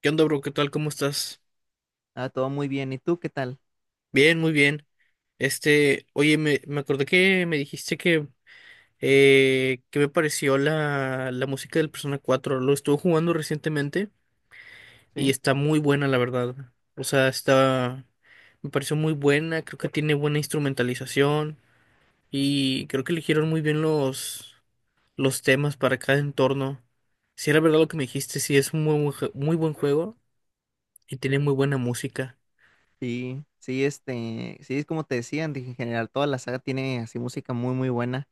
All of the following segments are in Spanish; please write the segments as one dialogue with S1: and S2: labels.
S1: ¿Qué onda, bro? ¿Qué tal? ¿Cómo estás?
S2: Ah, todo muy bien. ¿Y tú qué tal?
S1: Bien, muy bien. Oye, me acordé que me dijiste que me pareció la música del Persona cuatro. Lo estuve jugando recientemente y
S2: Sí,
S1: está muy buena, la verdad. O sea, me pareció muy buena, creo que tiene buena instrumentalización y creo que eligieron muy bien los temas para cada entorno. Si era verdad lo que me dijiste, sí, es un muy buen juego y tiene muy buena música.
S2: sí, sí, sí, es como te decía, en general toda la saga tiene así música muy, muy buena.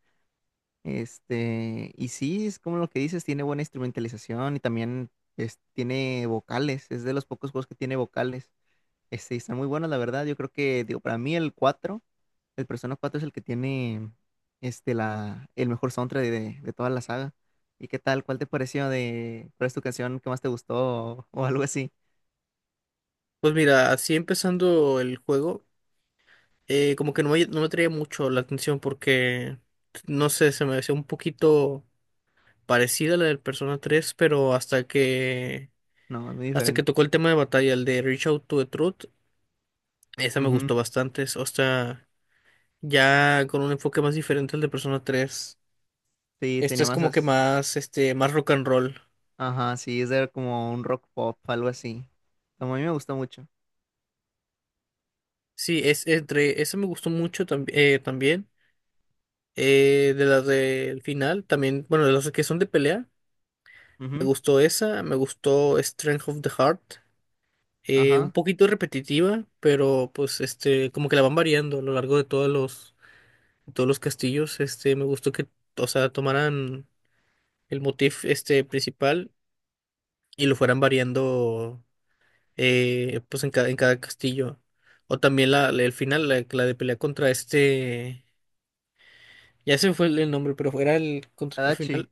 S2: Y sí, es como lo que dices, tiene buena instrumentalización y también tiene vocales. Es de los pocos juegos que tiene vocales. Y están muy buenos, la verdad. Yo creo que, digo, para mí el 4, el Persona 4 es el que tiene, el mejor soundtrack de toda la saga. ¿Y qué tal? ¿Cuál te pareció cuál es tu canción que más te gustó o algo así?
S1: Pues mira, así empezando el juego, como que no me traía mucho la atención porque, no sé, se me hacía un poquito parecida a la del Persona 3, pero
S2: No, es muy
S1: hasta que
S2: diferente.
S1: tocó el tema de batalla, el de Reach Out to the Truth. Esa me
S2: Ujú.
S1: gustó bastante, o sea, ya con un enfoque más diferente al de Persona 3.
S2: Sí,
S1: Esta
S2: tenía
S1: es como que
S2: masas.
S1: más rock and roll.
S2: Ajá, sí, es de como un rock pop, algo así. Como a mí me gusta mucho.
S1: Sí, esa me gustó mucho también, de las del final, también, bueno, de las que son de pelea. Me
S2: Ujú.
S1: gustó esa, me gustó Strength of the Heart, un
S2: Ajá.
S1: poquito repetitiva, pero pues como que la van variando a lo largo de todos los castillos. Me gustó que, o sea, tomaran el motif este principal y lo fueran variando, pues en en cada castillo. O también el final, la de pelea contra ya se me fue el nombre, pero era el contra el
S2: Tadachi.
S1: final.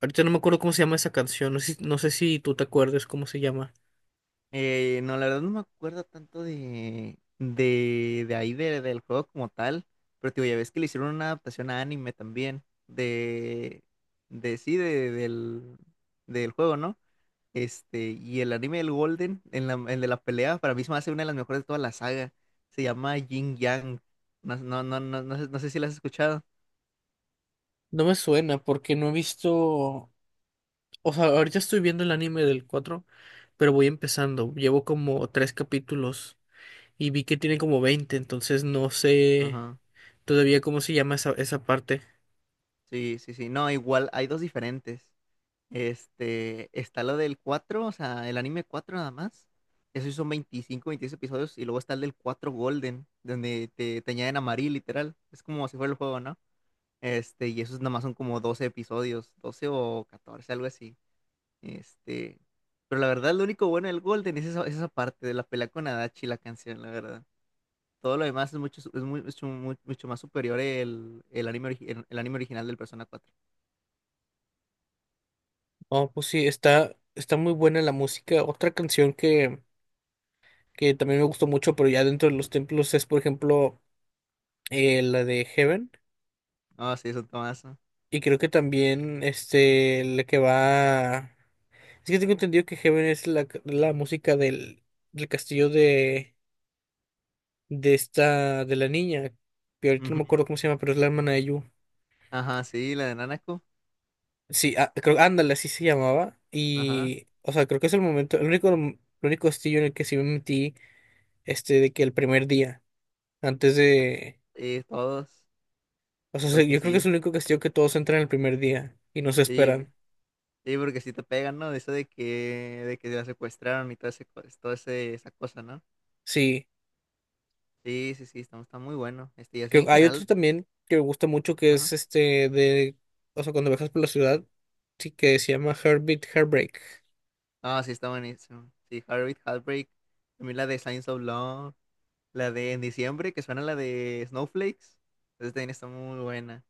S1: Ahorita no me acuerdo cómo se llama esa canción, no sé si tú te acuerdas cómo se llama.
S2: No, la verdad no me acuerdo tanto de ahí del juego como tal. Pero te digo, ya ves que le hicieron una adaptación a anime también. De, de sí, del juego, ¿no? Y el anime del Golden, el de la pelea, para mí se me hace una de las mejores de toda la saga. Se llama Yin Yang. No, no, no, no, no sé si la has escuchado.
S1: No me suena porque no he visto, o sea, ahorita estoy viendo el anime del 4, pero voy empezando. Llevo como tres capítulos y vi que tiene como 20, entonces no sé
S2: Ajá.
S1: todavía cómo se llama esa parte.
S2: Sí, sí, sí. No, igual hay dos diferentes. Está lo del cuatro, o sea, el anime 4 nada más. Esos son 25 26 episodios. Y luego está el del cuatro Golden, donde te añaden a Marie, literal. Es como si fuera el juego, ¿no? Y esos nada más son como 12 episodios, 12 o catorce, algo así. Este, pero la verdad, lo único bueno del Golden es esa parte de la pelea con Adachi, la canción, la verdad. Todo lo demás es mucho, su- es mu- mucho más superior el anime, el anime original del Persona cuatro.
S1: No, pues sí, está muy buena la música. Otra canción que también me gustó mucho, pero ya dentro de los templos es, por ejemplo, la de Heaven.
S2: Ah, sí, es un tomazo.
S1: Y creo que también la que va. Es que tengo entendido que Heaven es la música del castillo de esta, de la niña, que ahorita no
S2: Ujú.
S1: me acuerdo cómo se llama, pero es la hermana de Yu.
S2: Ajá, sí, la de Nanako.
S1: Sí, ah, creo, ándale, así se llamaba.
S2: Ajá.
S1: Y, o sea, creo que es el momento, el único castillo en el que sí me metí, de que el primer día, antes de,
S2: Sí, todos.
S1: o sea,
S2: Porque
S1: yo creo que es
S2: sí.
S1: el único castillo que todos entran el primer día y no se
S2: Sí.
S1: esperan.
S2: Sí, porque sí te pegan, ¿no? De eso de que la secuestraron y todo ese, esa cosa, ¿no?
S1: Sí.
S2: Sí, sí, sí, está muy bueno. Y así
S1: Que
S2: en
S1: hay otro
S2: general.
S1: también que me gusta mucho que
S2: Ajá.
S1: es de, o sea, cuando viajas por la ciudad, sí que se llama Heartbeat Heartbreak.
S2: Ah, sí, está buenísimo. Sí, Heartbeat, Heartbreak. También la de Signs of Love. La de En Diciembre, que suena la de Snowflakes. Entonces también está muy buena.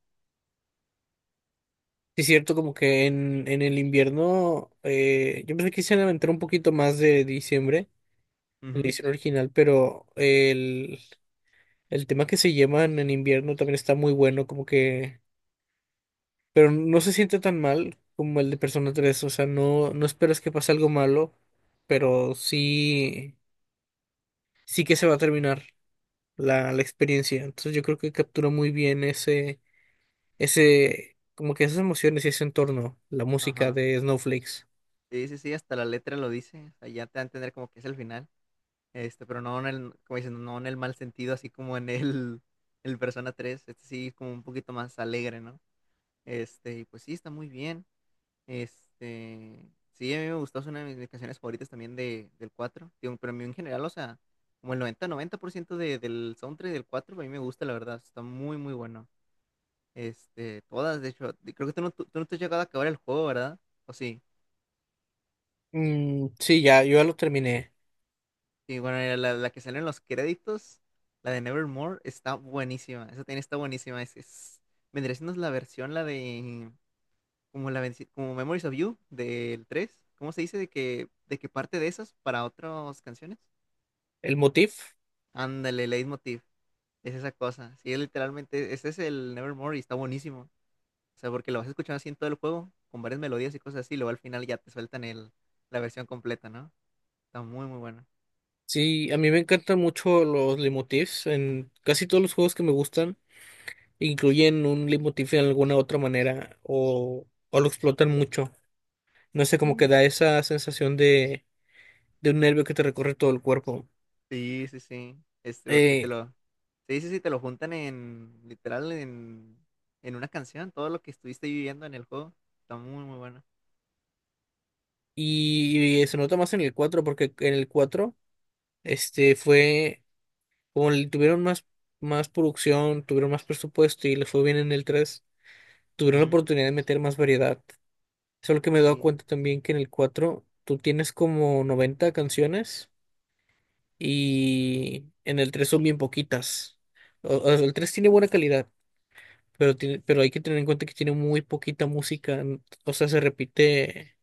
S1: Sí, es cierto, como que en el invierno, yo pensé que quise aventar un poquito más de diciembre, en la
S2: Ujú.
S1: edición original, pero el tema que se llevan en invierno también está muy bueno, como que, pero no se siente tan mal como el de Persona tres. O sea, no esperas que pase algo malo, pero sí, sí que se va a terminar la experiencia. Entonces yo creo que captura muy bien ese, como que esas emociones y ese entorno, la música
S2: Ajá.
S1: de Snowflakes.
S2: Sí, sí, sí, hasta la letra lo dice. O sea, ya te va a entender como que es el final. Pero no en el, como dicen, no en el mal sentido, así como en el Persona 3. Sí, como un poquito más alegre, ¿no? Y pues sí, está muy bien. Sí, a mí me gustó, es una de mis canciones favoritas también del cuatro. Digo, pero a mí en general, o sea, como el 90% del soundtrack del 4 a mí me gusta, la verdad, está muy, muy bueno. Todas, de hecho. Y creo que tú no te has llegado a acabar el juego, ¿verdad? ¿O sí?
S1: Mm, sí, ya, yo ya lo terminé.
S2: Sí, bueno, la que sale en los créditos, la de Nevermore, está buenísima, esa también está buenísima, vendría siendo la versión, como Memories of You del tres. ¿Cómo se dice? De que parte de esas para otras canciones.
S1: El motif,
S2: Ándale, leitmotiv. Es esa cosa. Sí, literalmente, ese es el Nevermore y está buenísimo. O sea, porque lo vas escuchando así en todo el juego, con varias melodías y cosas así, y luego al final ya te sueltan la versión completa, ¿no? Está muy, muy bueno.
S1: sí, a mí me encantan mucho los leitmotifs. En casi todos los juegos que me gustan incluyen un leitmotiv en alguna otra manera o lo explotan mucho. No sé, como que
S2: Sí,
S1: da esa sensación de un nervio que te recorre todo el cuerpo.
S2: sí, sí. Sí. Porque te
S1: Eh,
S2: lo. Sí, sí, sí, te lo juntan en. Literal, en. En una canción, todo lo que estuviste viviendo en el juego. Está muy, muy bueno.
S1: y se nota más en el 4 porque en el 4 Este fue, como le tuvieron más producción, tuvieron más presupuesto y les fue bien en el tres, tuvieron la
S2: Ujú.
S1: oportunidad de meter más variedad. Solo que me he dado
S2: Sí,
S1: cuenta también que en el 4 tú tienes como 90 canciones y en el 3 son bien poquitas. El 3 tiene buena calidad, pero, pero hay que tener en cuenta que tiene muy poquita música. O sea, se repite,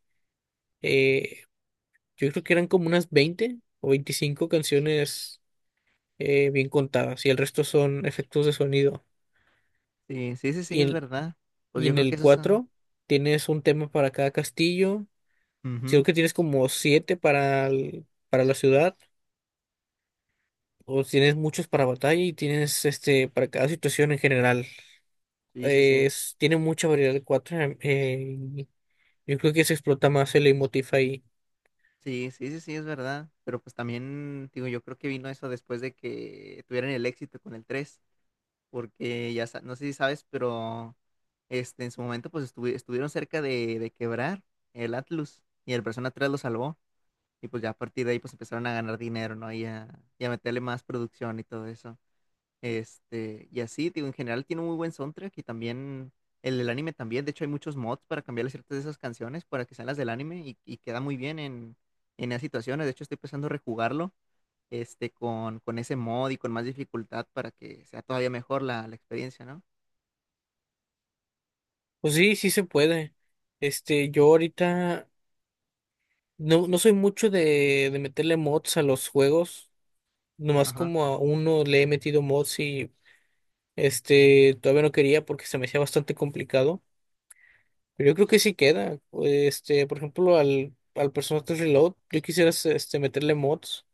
S1: eh, yo creo que eran como unas 20 o 25 canciones bien contadas, y el resto son efectos de sonido.
S2: sí, sí, sí, sí,
S1: Y
S2: es
S1: en,
S2: verdad. Pues
S1: y
S2: yo
S1: en
S2: creo
S1: el
S2: que eso es. Ah,
S1: 4 tienes un tema para cada castillo, si creo
S2: ujú.
S1: que tienes como 7 para la ciudad, o tienes muchos para batalla y tienes para cada situación en general.
S2: Sí, sí, sí.
S1: Tiene mucha variedad el 4. Yo creo que se explota más el emotif ahí.
S2: Sí, sí, sí, sí, es verdad. Pero pues también, digo, yo creo que vino eso después de que tuvieran el éxito con el tres, porque ya, no sé si sabes, pero en su momento pues estuvieron cerca de quebrar el Atlus y el Persona 3 lo salvó. Y pues ya a partir de ahí pues empezaron a ganar dinero, ¿no? Y a meterle más producción y todo eso. Y así, digo, en general tiene un muy buen soundtrack y también el del anime también. De hecho, hay muchos mods para cambiarle ciertas de esas canciones para que sean las del anime y queda muy bien en esas situaciones. De hecho, estoy pensando rejugarlo, con ese mod y con más dificultad para que sea todavía mejor la experiencia, ¿no?
S1: Pues sí, sí se puede. Yo ahorita no soy mucho de meterle mods a los juegos. Nomás
S2: Ajá.
S1: como a uno le he metido mods, y todavía no quería porque se me hacía bastante complicado. Pero yo creo que sí queda. Por ejemplo, al personaje Reload, yo quisiera meterle mods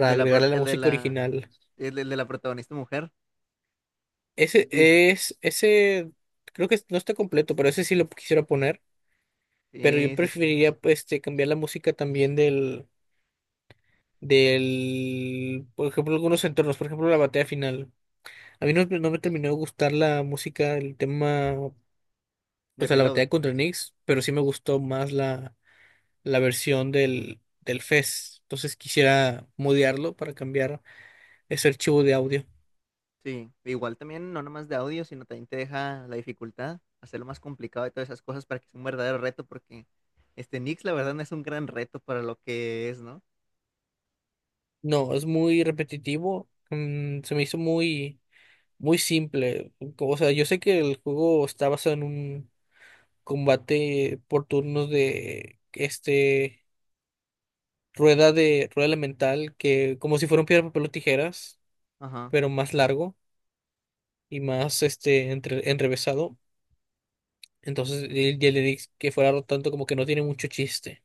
S2: El de la, pro-
S1: agregarle la
S2: el de
S1: música
S2: la,
S1: original.
S2: el, de la protagonista mujer. Sí,
S1: Ese, creo que no está completo, pero ese sí lo quisiera poner. Pero yo
S2: sí, sí, sí.
S1: preferiría pues, cambiar la música también del, por ejemplo, algunos entornos, por ejemplo, la batalla final. A mí no me terminó de gustar la música, el tema, o
S2: De
S1: sea, la
S2: Reload.
S1: batalla contra Nyx, pero sí me gustó más la versión del FES. Entonces quisiera modearlo para cambiar ese archivo de audio.
S2: Sí, igual también no nomás de audio, sino también te deja la dificultad, hacerlo más complicado y todas esas cosas para que sea un verdadero reto, porque Nix la verdad no es un gran reto para lo que es, ¿no?
S1: No, es muy repetitivo. Se me hizo muy, muy simple. O sea, yo sé que el juego está basado en un combate por turnos de este rueda de rueda elemental, que como si fuera un piedra, papel o tijeras,
S2: Ajá.
S1: pero más largo y más enrevesado. Entonces, y el Elix que fuera tanto, como que no tiene mucho chiste.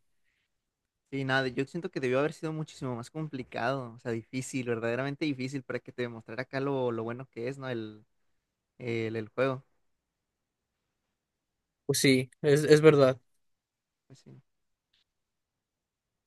S2: Sí, nada, yo siento que debió haber sido muchísimo más complicado, o sea, difícil, verdaderamente difícil para que te demostrara acá lo bueno que es, ¿no? El juego.
S1: Pues sí, es verdad.
S2: Pues sí.